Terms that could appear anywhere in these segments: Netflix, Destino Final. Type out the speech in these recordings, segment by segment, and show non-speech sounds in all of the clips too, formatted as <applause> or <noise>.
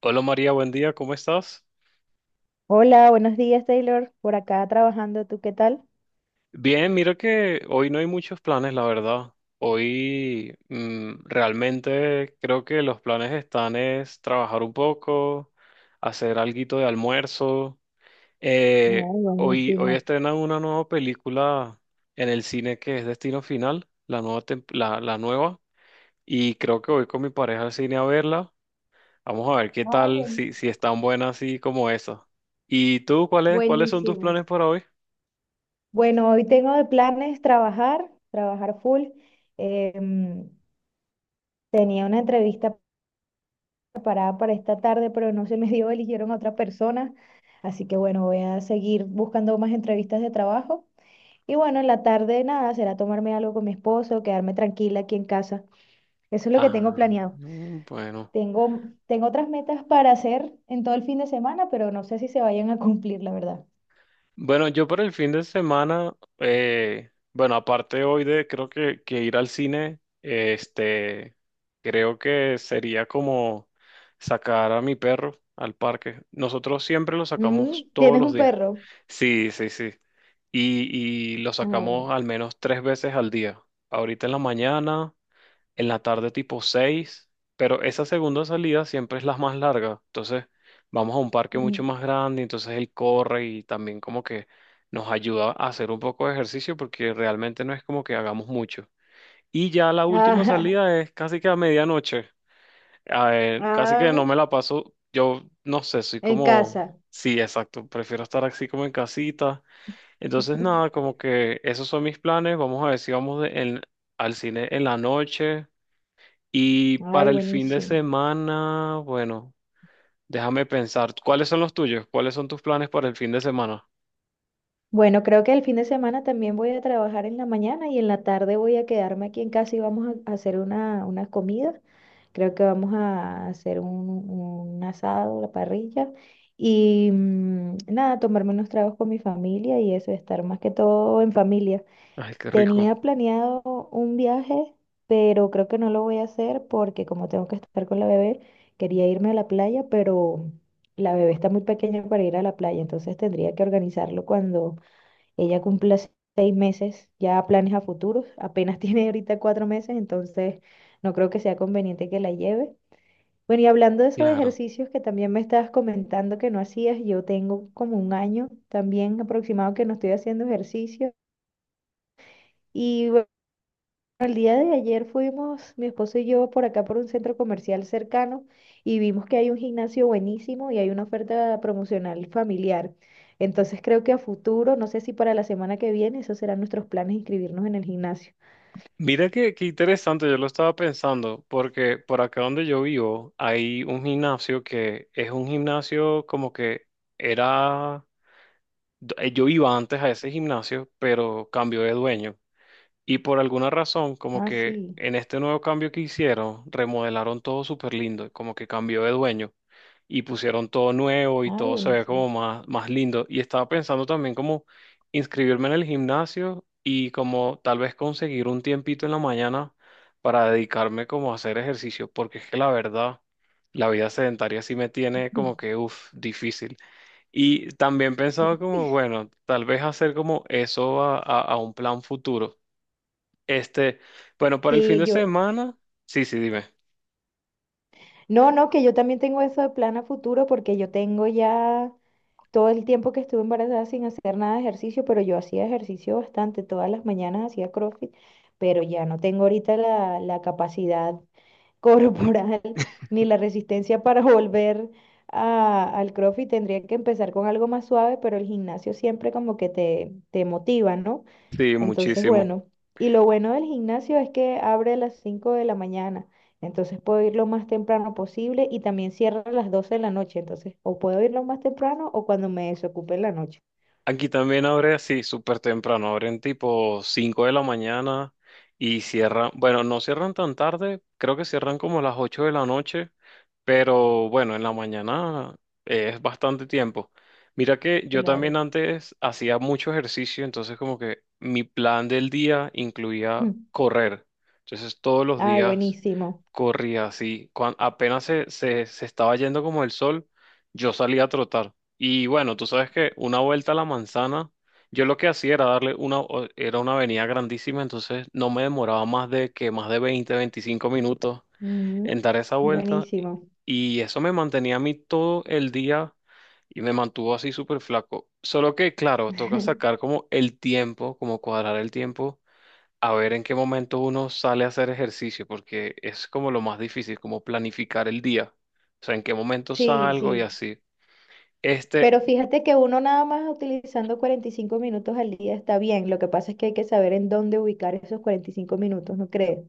Hola María, buen día, ¿cómo estás? Hola, buenos días, Taylor. Por acá trabajando, ¿tú qué tal? Bien, mira que hoy no hay muchos planes, la verdad. Hoy realmente creo que los planes están es trabajar un poco, hacer alguito de almuerzo. Eh, Ay, hoy, hoy buenísimo. estrenan una nueva película en el cine que es Destino Final, la nueva, la nueva. Y creo que voy con mi pareja al cine a verla. Vamos a ver qué Ah, tal, si, buenísimo. si es tan buena así como esa. ¿Y tú, cuáles son tus Buenísimo. planes para hoy? Bueno, hoy tengo de planes trabajar, full. Em, Tenía una entrevista preparada para esta tarde, pero no se me dio, eligieron a otra persona. Así que bueno, voy a seguir buscando más entrevistas de trabajo. Y bueno, en la tarde nada, será tomarme algo con mi esposo, quedarme tranquila aquí en casa. Eso es lo que tengo Ah, planeado. mm, bueno. Tengo otras metas para hacer en todo el fin de semana, pero no sé si se vayan a cumplir, la verdad. Bueno, yo por el fin de semana, bueno, aparte hoy de creo que ir al cine, creo que sería como sacar a mi perro al parque. Nosotros siempre lo Mm, sacamos todos ¿tienes los un días. perro? Sí, sí, sí. Y lo Ay, bueno. sacamos al menos tres veces al día. Ahorita en la mañana. En la tarde tipo 6, pero esa segunda salida siempre es la más larga. Entonces, vamos a un parque mucho Mm. más grande, entonces él corre y también como que nos ayuda a hacer un poco de ejercicio porque realmente no es como que hagamos mucho. Y ya la última Ah, salida es casi que a medianoche. A <laughs> ver, casi que ah, no me la paso, yo no sé, soy en como. casa. Sí, exacto, prefiero estar así como en casita. Entonces, nada, como que esos son mis planes. Vamos a ver si al cine en la noche. Y Ay, para el fin de buenísimo. semana, bueno, déjame pensar, ¿cuáles son los tuyos? ¿Cuáles son tus planes para el fin de semana? Bueno, creo que el fin de semana también voy a trabajar en la mañana y en la tarde voy a quedarme aquí en casa y vamos a hacer una comida. Creo que vamos a hacer un asado, la parrilla y nada, tomarme unos tragos con mi familia y eso, estar más que todo en familia. Ay, qué rico, Tenía planeado un viaje, pero creo que no lo voy a hacer porque como tengo que estar con la bebé, quería irme a la playa, pero la bebé está muy pequeña para ir a la playa, entonces tendría que organizarlo cuando ella cumpla 6 meses, ya planes a futuros, apenas <laughs> tiene ahorita 4 meses, entonces no creo que sea conveniente que la lleve. Bueno, y hablando de esos claro. ejercicios que también me estabas comentando que no hacías, yo tengo como un año también aproximado que no estoy haciendo ejercicio. Y el día de ayer fuimos, mi esposo y yo, por acá por un centro comercial cercano y vimos que hay un gimnasio buenísimo y hay una oferta promocional familiar. Entonces creo que a futuro, no sé si para la semana que viene, esos serán nuestros planes, inscribirnos en el gimnasio. Mira qué interesante, yo lo estaba pensando, porque por acá donde yo vivo hay un gimnasio que es un gimnasio como que era, yo iba antes a ese gimnasio, pero cambió de dueño. Y por alguna razón, como Ah, que sí. en este nuevo cambio que hicieron, remodelaron todo súper lindo, como que cambió de dueño y pusieron todo nuevo y Ay, todo se ve buenísimo. como más, más lindo. Y estaba pensando también como inscribirme en el gimnasio y como tal vez conseguir un tiempito en la mañana para dedicarme como a hacer ejercicio, porque es que la verdad, la vida sedentaria sí me tiene como que, uff, difícil. Y también pensaba <laughs> como, bueno, tal vez hacer como eso a un plan futuro. Este, bueno, para el fin Sí, de yo, semana, sí, sí, dime. no, no, que yo también tengo eso de plan a futuro porque yo tengo ya todo el tiempo que estuve embarazada sin hacer nada de ejercicio, pero yo hacía ejercicio bastante, todas las mañanas hacía CrossFit, pero ya no tengo ahorita la capacidad <laughs> corporal ni la resistencia para volver al CrossFit. Tendría que empezar con algo más suave, pero el gimnasio siempre como que te motiva, ¿no? Sí, Entonces, muchísimo. bueno, y lo bueno del gimnasio es que abre a las 5 de la mañana, entonces puedo ir lo más temprano posible y también cierra a las 12 de la noche, entonces o puedo ir lo más temprano o cuando me desocupe en la noche. Aquí también abre así súper temprano, abren tipo 5 de la mañana y cierran, bueno, no cierran tan tarde, creo que cierran como a las 8 de la noche, pero bueno, en la mañana es bastante tiempo. Mira que yo también Claro. antes hacía mucho ejercicio, entonces como que mi plan del día <laughs> incluía Mm. correr. Entonces todos los Ay, días buenísimo. corría así, cuando apenas se estaba yendo como el sol, yo salía a trotar. Y bueno, tú sabes que una vuelta a la manzana, yo lo que hacía era darle una, era una avenida grandísima, entonces no me demoraba más de 20-25 minutos Ujú. en dar esa vuelta. Buenísimo. Y eso me mantenía a mí todo el día y me mantuvo así súper flaco. Solo que, claro, toca sacar <laughs> como el tiempo, como cuadrar el tiempo, a ver en qué momento uno sale a hacer ejercicio, porque es como lo más difícil, como planificar el día. O sea, en qué momento Sí, salgo y sí. así. Pero Este, fíjate que uno nada más utilizando 45 minutos al día está bien. Lo que pasa es que hay que saber en dónde ubicar esos 45 minutos, ¿no crees?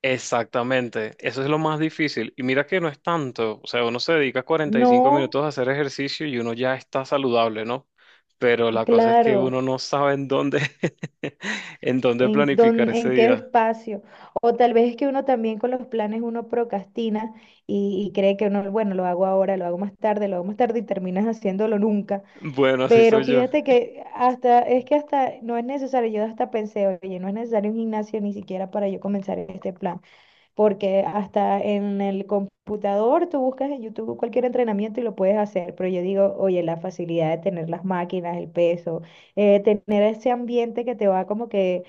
Exactamente, eso es lo más difícil. Y mira que no es tanto, o sea, uno se dedica cuarenta y cinco No, minutos a hacer ejercicio y uno ya está saludable, ¿no? Pero la cosa es que uno claro. no sabe en dónde, <laughs> en dónde En, planificar ese en qué día. espacio. O tal vez es que uno también con los planes uno procrastina y cree que uno, bueno, lo hago ahora, lo hago más tarde, lo hago más tarde y terminas haciéndolo nunca. Bueno, así Pero soy yo. fíjate que hasta, es que hasta no es necesario, yo hasta pensé, oye, no es necesario un gimnasio ni siquiera para yo comenzar este plan porque hasta en el computador tú buscas en YouTube cualquier entrenamiento y lo puedes hacer, pero yo digo, oye, la facilidad de tener las máquinas, el peso, tener ese ambiente que te va como que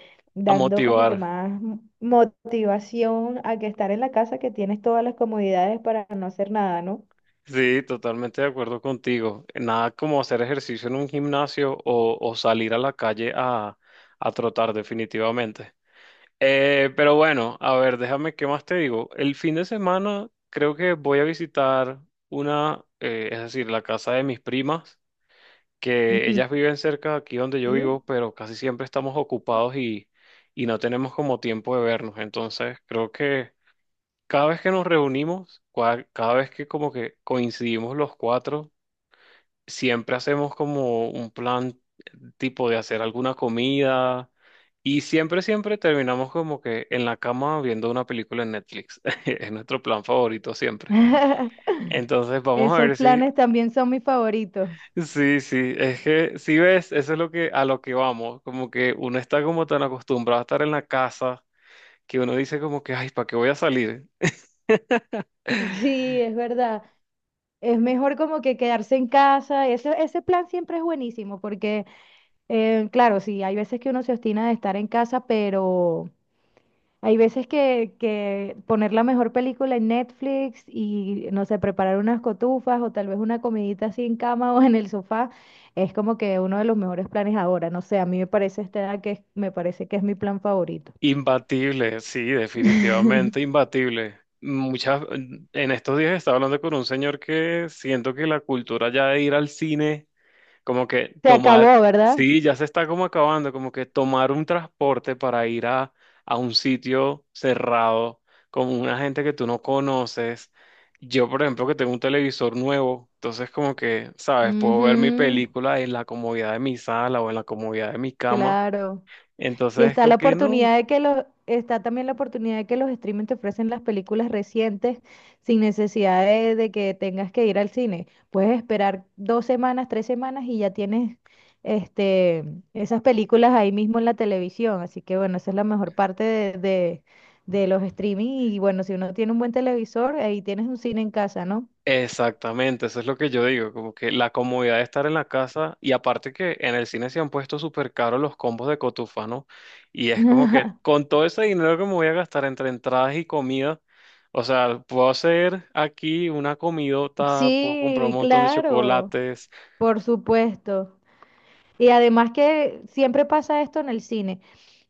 A dando como que motivar. más motivación a que estar en la casa que tienes todas las comodidades para no hacer nada, ¿no? Sí, totalmente de acuerdo contigo. Nada como hacer ejercicio en un gimnasio o salir a la calle a trotar definitivamente. Pero bueno, a ver, déjame, ¿qué más te digo? El fin de semana creo que voy a visitar una, es decir, la casa de mis primas, que ellas viven cerca de aquí donde yo Ujú. vivo, pero casi siempre estamos ocupados y no tenemos como tiempo de vernos. Entonces, creo que cada vez que nos reunimos, cada vez que como que coincidimos los cuatro, siempre hacemos como un plan tipo de hacer alguna comida y siempre terminamos como que en la cama viendo una película en Netflix. <laughs> Es nuestro plan favorito siempre. <laughs> Entonces vamos a Esos ver si, planes también son mis favoritos. sí, sí, es que si ves, eso es lo que a lo que vamos, como que uno está como tan acostumbrado a estar en la casa que uno dice como que, ay, ¿para qué voy a salir? <laughs> Sí, es verdad. Es mejor como que quedarse en casa. Ese plan siempre es buenísimo porque, claro, sí, hay veces que uno se obstina de estar en casa, pero hay veces que poner la mejor película en Netflix y, no sé, preparar unas cotufas o tal vez una comidita así en cama <laughs> o en el sofá es como que uno de los mejores planes ahora. No sé, a mí me parece esta edad que me parece que es mi plan favorito. Imbatible, sí, definitivamente imbatible. Muchas, en estos días estaba hablando con un señor que siento que la cultura ya de ir al cine, como que Se tomar, acabó, ¿verdad? sí, ya se está como acabando, como que tomar un transporte para ir a un sitio cerrado con una gente que tú no conoces. Yo, por ejemplo, que tengo un televisor nuevo, entonces como que, ¿sabes? Puedo ver mi Ujú, película en la comodidad de mi sala o en la comodidad de mi cama. claro. Y Entonces, está como la que no. oportunidad de que está también la oportunidad de que los streaming te ofrecen las películas recientes sin necesidad de que tengas que ir al cine. Puedes esperar 2 semanas, 3 semanas y ya tienes este, esas películas ahí mismo en la televisión. Así que bueno, esa es la mejor parte de los streaming. Y bueno, si uno tiene un buen televisor, ahí tienes un cine en casa, ¿no? Exactamente, eso es lo que yo digo, como que la comodidad de estar en la casa y aparte que en el cine se han puesto súper caros los combos de cotufa, ¿no? Y es como que <laughs> con todo ese dinero que me voy a gastar entre entradas y comida, o sea, puedo hacer aquí una comidota, puedo comprar un Sí, montón de claro, chocolates. por supuesto. Y además que siempre pasa esto en el cine.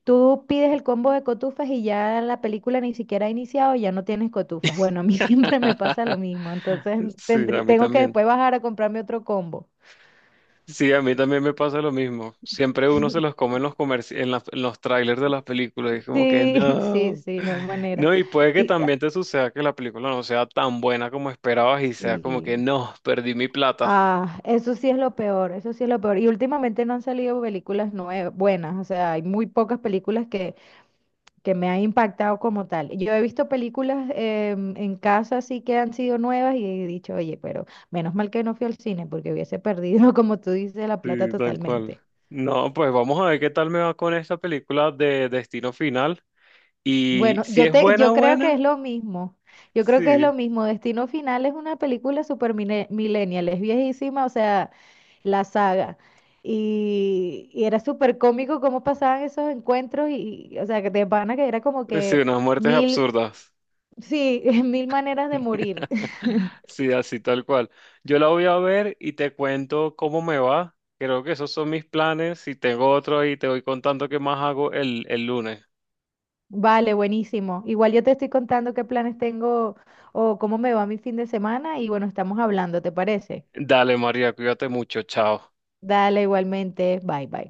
Tú pides el combo de cotufas y ya la película ni siquiera ha iniciado y ya no tienes cotufas. Bueno, a mí <laughs> siempre me pasa lo <laughs> mismo, entonces Sí, a mí tengo que también. después bajar a comprarme otro combo. Sí, a mí también me pasa lo mismo. Siempre uno se los <laughs> come en los en los trailers de las películas. Y es como que no. Sí, no hay <laughs> manera. No, y puede que Y ah, también te suceda que la película no sea tan buena como esperabas y sea como que sí. no, perdí mi plata. Ah, eso sí es lo peor, eso sí es lo peor. Y últimamente no han salido películas nuevas, buenas, o sea, hay muy pocas películas que me ha impactado como tal. Yo he visto películas en casa así que han sido nuevas y he dicho, oye, pero menos mal que no fui al cine porque hubiese perdido, <laughs> como tú dices, la plata Sí, tal cual. totalmente. No, pues vamos a ver qué tal me va con esta película de Destino Final. Y Bueno, si es buena, yo creo que es buena, lo mismo. Yo creo que es sí. lo mismo. Destino Final es una película super millennial, es viejísima, o sea, la saga. Y era súper cómico cómo pasaban esos encuentros o sea, que de pana que era como Sí, que unas muertes mil, absurdas. sí, <laughs> mil maneras de morir. <laughs> <laughs> Sí, así tal cual. Yo la voy a ver y te cuento cómo me va. Creo que esos son mis planes. Si tengo otro ahí, te voy contando qué más hago el lunes. Vale, buenísimo. Igual yo te estoy contando qué planes tengo o cómo me va mi fin de semana y bueno, estamos hablando, ¿te parece? Dale, María, cuídate mucho. Chao. Dale, igualmente. Bye, bye.